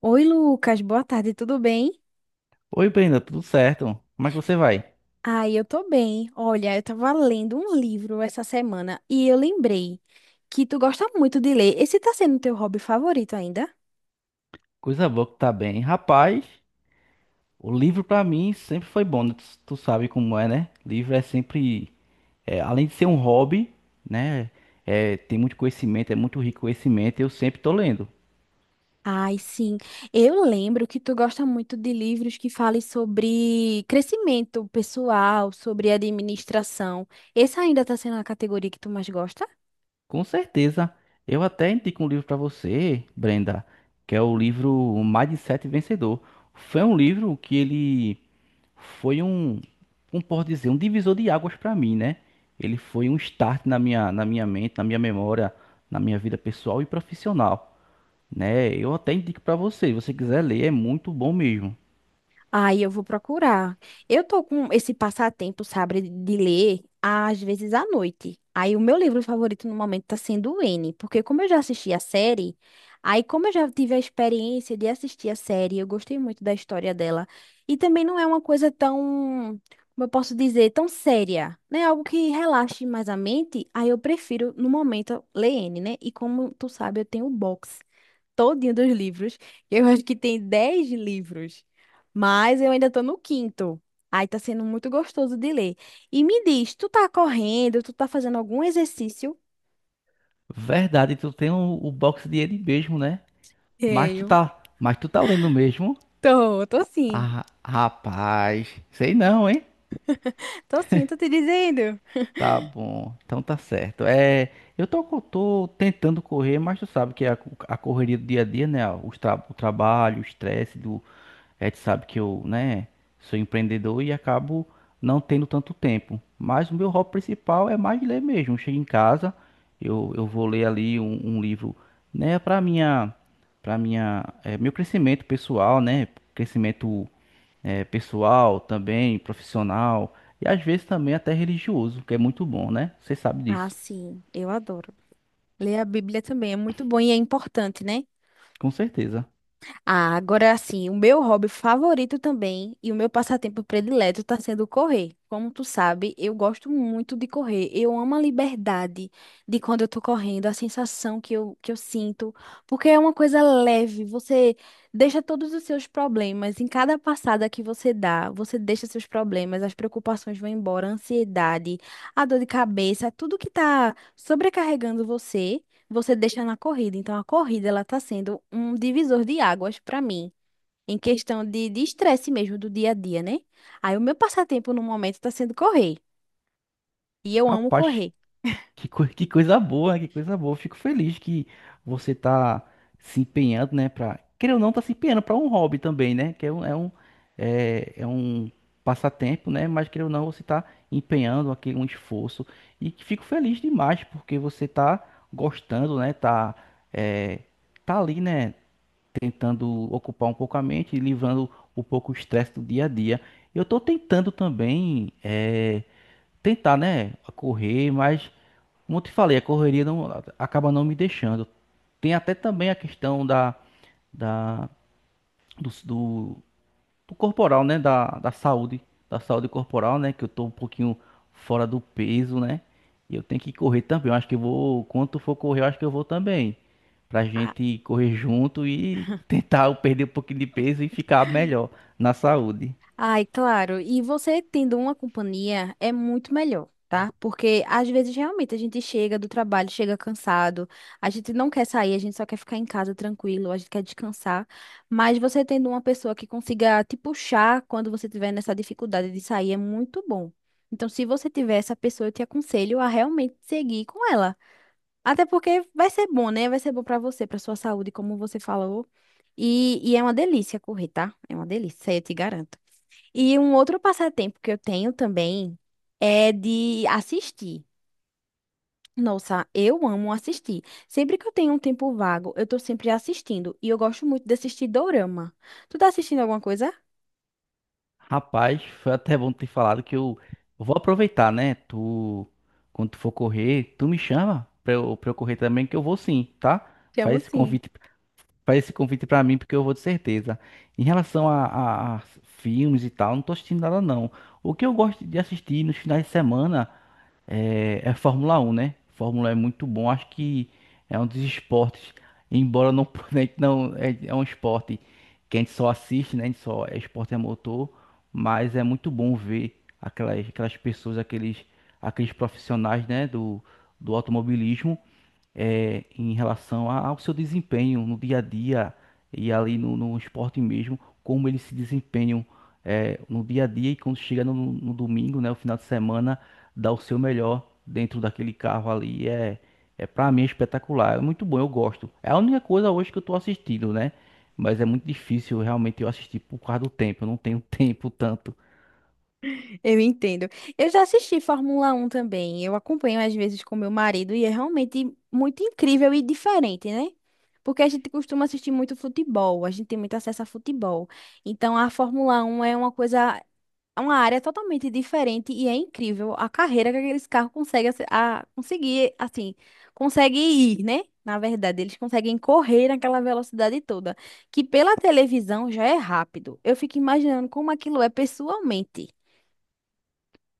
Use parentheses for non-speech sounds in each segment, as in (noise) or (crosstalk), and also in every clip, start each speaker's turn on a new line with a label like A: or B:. A: Oi, Lucas, boa tarde, tudo bem?
B: Oi, Brenda, tudo certo? Como é que você vai?
A: Ai, eu tô bem. Olha, eu tava lendo um livro essa semana e eu lembrei que tu gosta muito de ler. Esse tá sendo teu hobby favorito ainda?
B: Coisa boa que tá bem. Rapaz, o livro pra mim sempre foi bom, né? Tu sabe como é, né? Livro é sempre, além de ser um hobby, né? Tem muito conhecimento, é muito rico conhecimento, eu sempre tô lendo.
A: Ai, sim. Eu lembro que tu gosta muito de livros que falem sobre crescimento pessoal, sobre administração. Essa ainda tá sendo a categoria que tu mais gosta?
B: Com certeza. Eu até indico um livro para você, Brenda, que é o livro Mindset Vencedor. Foi um livro que ele foi um, como posso dizer, um divisor de águas para mim, né? Ele foi um start na minha mente, na minha memória, na minha vida pessoal e profissional, né? Eu até indico para você, se você quiser ler, é muito bom mesmo.
A: Aí eu vou procurar. Eu tô com esse passatempo, sabe, de ler às vezes à noite. Aí o meu livro favorito no momento tá sendo o N, porque como eu já assisti a série, aí como eu já tive a experiência de assistir a série, eu gostei muito da história dela. E também não é uma coisa tão, como eu posso dizer, tão séria, né? Algo que relaxe mais a mente, aí eu prefiro no momento ler N, né? E como tu sabe, eu tenho o box todinho dos livros. Eu acho que tem 10 livros, mas eu ainda tô no quinto. Aí tá sendo muito gostoso de ler. E me diz, tu tá correndo, tu tá fazendo algum exercício?
B: Verdade, tu tem o box de ele mesmo, né?
A: Tenho.
B: Mas tu tá lendo mesmo?
A: Tô, tô sim.
B: Ah, rapaz, sei não, hein?
A: Tô sim, tô te dizendo.
B: Tá bom, então tá certo. Eu tô, tô tentando correr, mas tu sabe que a correria do dia a dia, né? O trabalho, o estresse do. Tu sabe que eu, né, sou empreendedor e acabo não tendo tanto tempo. Mas o meu hobby principal é mais ler mesmo. Eu chego em casa, eu vou ler ali um livro, né, pra minha, meu crescimento pessoal, né? Crescimento pessoal também, profissional e às vezes também até religioso, que é muito bom, né? Você sabe
A: Ah,
B: disso,
A: sim, eu adoro. Ler a Bíblia também é muito bom e é importante, né?
B: com certeza.
A: Ah, agora assim, o meu hobby favorito também e o meu passatempo predileto está sendo correr. Como tu sabe, eu gosto muito de correr. Eu amo a liberdade de quando eu tô correndo, a sensação que eu sinto, porque é uma coisa leve. Você deixa todos os seus problemas. Em cada passada que você dá, você deixa seus problemas, as preocupações vão embora, a ansiedade, a dor de cabeça, tudo que tá sobrecarregando você deixa na corrida. Então, a corrida ela está sendo um divisor de águas para mim, em questão de estresse mesmo do dia a dia, né? Aí, o meu passatempo no momento está sendo correr. E eu amo
B: Rapaz,
A: correr.
B: que coisa boa, né? Que coisa boa. Eu fico feliz que você tá se empenhando, né? Pra, querer ou não, tá se empenhando para um hobby também, né? Que é um, é um, é, é um passatempo, né? Mas querer ou não, você tá empenhando aqui um esforço e que fico feliz demais porque você tá gostando, né? Tá, é, tá ali, né? Tentando ocupar um pouco a mente, e livrando um pouco o estresse do dia a dia. Eu estou tentando também, tentar, né, correr, mas, como eu te falei, a correria não, acaba não me deixando. Tem até também a questão da, da, do, do do corporal, né? Da saúde corporal, né? Que eu tô um pouquinho fora do peso, né? E eu tenho que correr também. Eu acho que eu vou, quando tu for correr, eu acho que eu vou também. Pra gente correr junto e tentar (laughs) eu perder um pouquinho de peso e ficar melhor na saúde.
A: Ai, claro. E você tendo uma companhia é muito melhor, tá? Porque às vezes realmente a gente chega do trabalho, chega cansado, a gente não quer sair, a gente só quer ficar em casa tranquilo, a gente quer descansar. Mas você tendo uma pessoa que consiga te puxar quando você tiver nessa dificuldade de sair é muito bom. Então, se você tiver essa pessoa, eu te aconselho a realmente seguir com ela. Até porque vai ser bom, né? Vai ser bom pra você, pra sua saúde, como você falou. E é uma delícia correr, tá? É uma delícia, isso aí eu te garanto. E um outro passatempo que eu tenho também é de assistir. Nossa, eu amo assistir. Sempre que eu tenho um tempo vago, eu tô sempre assistindo. E eu gosto muito de assistir dorama. Tu tá assistindo alguma coisa?
B: Rapaz, foi até bom ter falado que eu vou aproveitar, né? Tu, quando tu for correr, tu me chama pra eu correr também, que eu vou sim, tá?
A: Te amo
B: Faz esse
A: sim.
B: convite Faz esse convite pra mim, porque eu vou de certeza. Em relação a filmes e tal, não tô assistindo nada não. O que eu gosto de assistir nos finais de semana é Fórmula 1, né? Fórmula um é muito bom, acho que é um dos esportes, embora não, (laughs) né, não é, é um esporte que a gente só assiste, né? A gente só é esporte é motor, mas é muito bom ver aquelas, pessoas, aqueles, profissionais, né? Do automobilismo, em relação ao seu desempenho no dia a dia e ali no esporte mesmo, como eles se desempenham, no dia a dia, e quando chega no domingo, né, o final de semana, dá o seu melhor dentro daquele carro ali. É, para mim é espetacular, é muito bom, eu gosto. É a única coisa hoje que eu tô assistindo, né? Mas é muito difícil realmente eu assistir por causa do tempo, eu não tenho (laughs) tempo tanto.
A: Eu entendo. Eu já assisti Fórmula 1 também. Eu acompanho às vezes com meu marido e é realmente muito incrível e diferente, né? Porque a gente costuma assistir muito futebol, a gente tem muito acesso a futebol. Então a Fórmula 1 é uma coisa, é uma área totalmente diferente e é incrível a carreira que aqueles carros conseguem conseguir, assim, conseguem ir, né? Na verdade, eles conseguem correr naquela velocidade toda, que pela televisão já é rápido. Eu fico imaginando como aquilo é pessoalmente.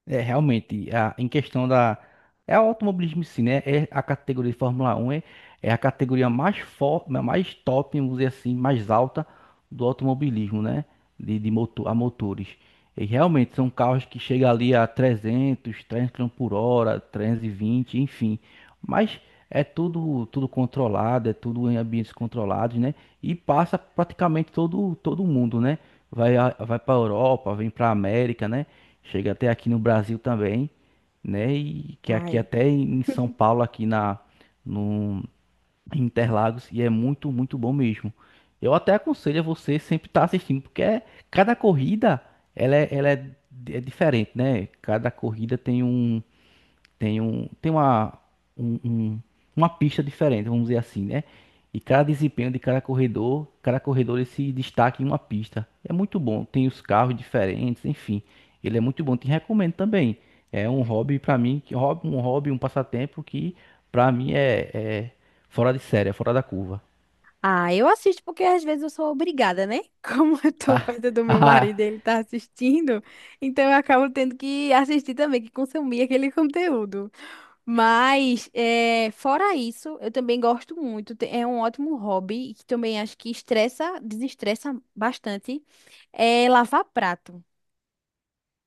B: É, realmente, em questão da. É o automobilismo em si, né? É a categoria de Fórmula Um, é a categoria mais forte, mais top, vamos dizer assim, mais alta do automobilismo, né? De motor, a motores. E realmente são carros que chegam ali a 300 km por hora, 320, enfim. Mas é tudo, controlado, é tudo em ambientes controlados, né? E passa praticamente todo, mundo, né? Vai, vai para Europa, vem para América, né? Chega até aqui no Brasil também, né? E que aqui
A: Ai.
B: até em São Paulo, aqui na no em Interlagos, e é muito, muito bom mesmo. Eu até aconselho a você sempre estar assistindo, porque cada corrida ela é, ela é, é diferente, né? Cada corrida tem tem um, tem uma, um- um- uma pista diferente, vamos dizer assim, né? E cada desempenho de cada corredor ele se destaca em uma pista. É muito bom, tem os carros diferentes, enfim. Ele é muito bom, te recomendo também. É um hobby para mim, que hobby, um passatempo que para mim é fora de série, é fora da curva.
A: Ah, eu assisto porque às vezes eu sou obrigada, né? (laughs) Como eu tô
B: (laughs)
A: perto do meu
B: Ah,
A: marido, e ele tá assistindo, então eu acabo tendo que assistir também, que consumir aquele conteúdo. Mas, é, fora isso, eu também gosto muito. É um ótimo hobby e que também acho que estressa, desestressa bastante. É lavar prato.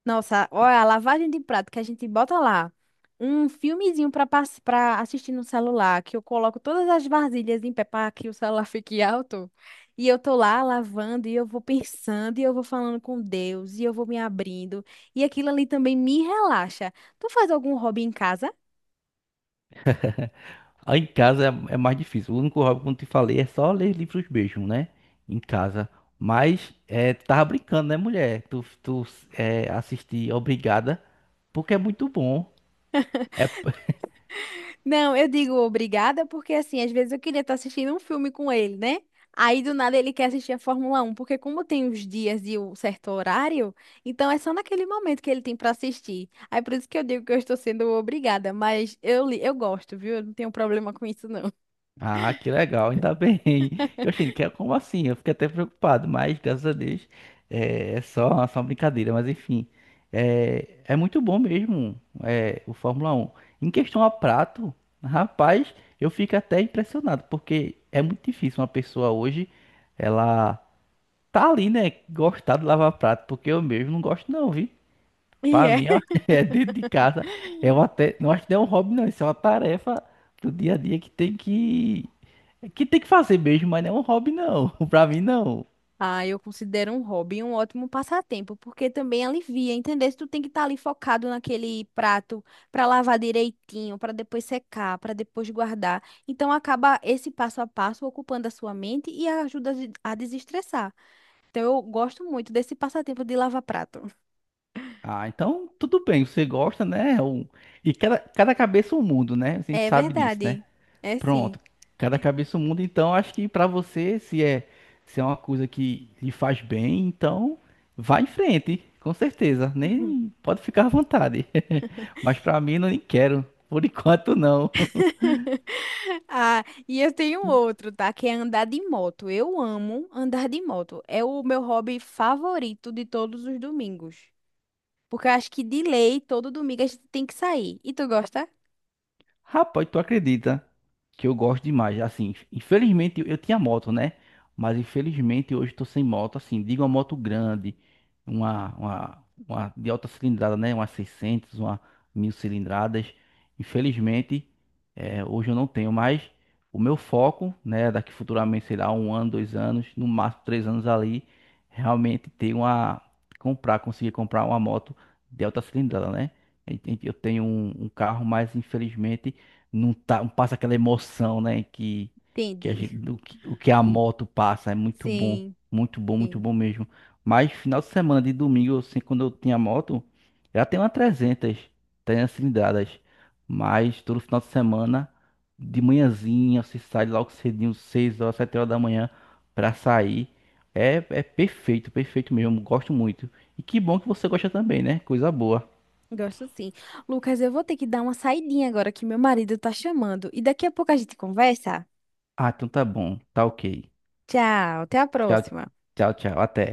A: Nossa, olha, a lavagem de prato que a gente bota lá. Um filmezinho para assistir no celular, que eu coloco todas as vasilhas em pé para que o celular (laughs) fique alto. E eu tô lá lavando e eu vou pensando e eu vou falando com Deus e eu vou me abrindo. E aquilo ali também me relaxa. Tu faz algum hobby em casa?
B: Ah, em casa é mais difícil. O único hobby, como te falei, é só ler livros mesmo, né? Em casa. Mas, tu tava brincando, né, mulher? Tu assistir. Obrigada, porque é muito bom. É,
A: Não, eu digo obrigada porque, assim, às vezes eu queria estar assistindo um filme com ele, né? Aí do nada ele quer assistir a Fórmula 1, porque como tem os dias e o certo horário, então é só naquele momento que ele tem para assistir. Aí por isso que eu digo que eu estou sendo obrigada, mas eu gosto, viu? Eu não tenho problema com isso, não. (laughs)
B: Ah, que legal, ainda bem. (laughs) Eu achei que era, como assim? Eu fiquei até preocupado, mas graças a Deus é só uma brincadeira. Mas enfim, é muito bom mesmo, o Fórmula Um. Em questão a prato, rapaz, eu fico até impressionado, porque é muito difícil uma pessoa hoje, ela tá ali, né, gostar de lavar prato, porque eu mesmo não gosto não, viu?
A: E
B: Pra
A: é.
B: mim, ó, (laughs) é, dentro de casa, é uma até, não acho que não, é um hobby, não, isso é uma tarefa do dia a dia que tem que fazer mesmo, mas não é um hobby, não. (laughs) Pra mim, não.
A: Ah, eu considero um hobby um ótimo passatempo, porque também alivia, entendeu? Se tu tem que estar ali focado naquele prato para lavar direitinho, para depois secar, para depois guardar. Então acaba esse passo a passo ocupando a sua mente e ajuda a desestressar. Então eu gosto muito desse passatempo de lavar prato.
B: Ah, então tudo bem, você gosta, né? E cada cabeça é um mundo, né? A gente
A: É
B: sabe disso, né?
A: verdade. É sim.
B: Pronto, cada cabeça é um mundo. Então acho que pra você, se é uma coisa que lhe faz bem, então vá em frente, com certeza. Nem,
A: (laughs)
B: pode ficar à vontade. (laughs) Mas pra mim, não, nem quero. Por enquanto, não. (laughs)
A: Ah, e eu tenho outro, tá? Que é andar de moto. Eu amo andar de moto. É o meu hobby favorito de todos os domingos. Porque eu acho que de lei, todo domingo a gente tem que sair. E tu gosta?
B: Rapaz, tu acredita que eu gosto demais? Assim, infelizmente eu tinha moto, né? Mas infelizmente hoje eu tô sem moto. Assim, digo uma moto grande, uma de alta cilindrada, né? Uma 600, uma 1000 cilindradas. Infelizmente, hoje eu não tenho mais. O meu foco, né? Daqui futuramente, sei lá, um ano, 2 anos, no máximo 3 anos ali, realmente ter uma. Comprar, conseguir comprar uma moto de alta cilindrada, né? Eu eu tenho um carro, mas infelizmente não tá, não passa aquela emoção, né, que a
A: Entendi.
B: gente, o que a moto passa, é
A: (laughs)
B: muito bom,
A: Sim,
B: muito bom, muito
A: sim.
B: bom mesmo. Mas final de semana de domingo, assim, quando eu tinha moto, já tem uma 300 300 cilindradas. Mas todo final de semana, de manhãzinha, você sai logo cedinho, 6 horas, 7 horas da manhã pra sair. É perfeito, perfeito mesmo, gosto muito. E que bom que você gosta também, né? Coisa boa.
A: Gosto sim. Lucas, eu vou ter que dar uma saidinha agora que meu marido tá chamando. E daqui a pouco a gente conversa.
B: Ah, então tá bom, tá ok.
A: Tchau, até a
B: Tchau,
A: próxima.
B: tchau, tchau, até.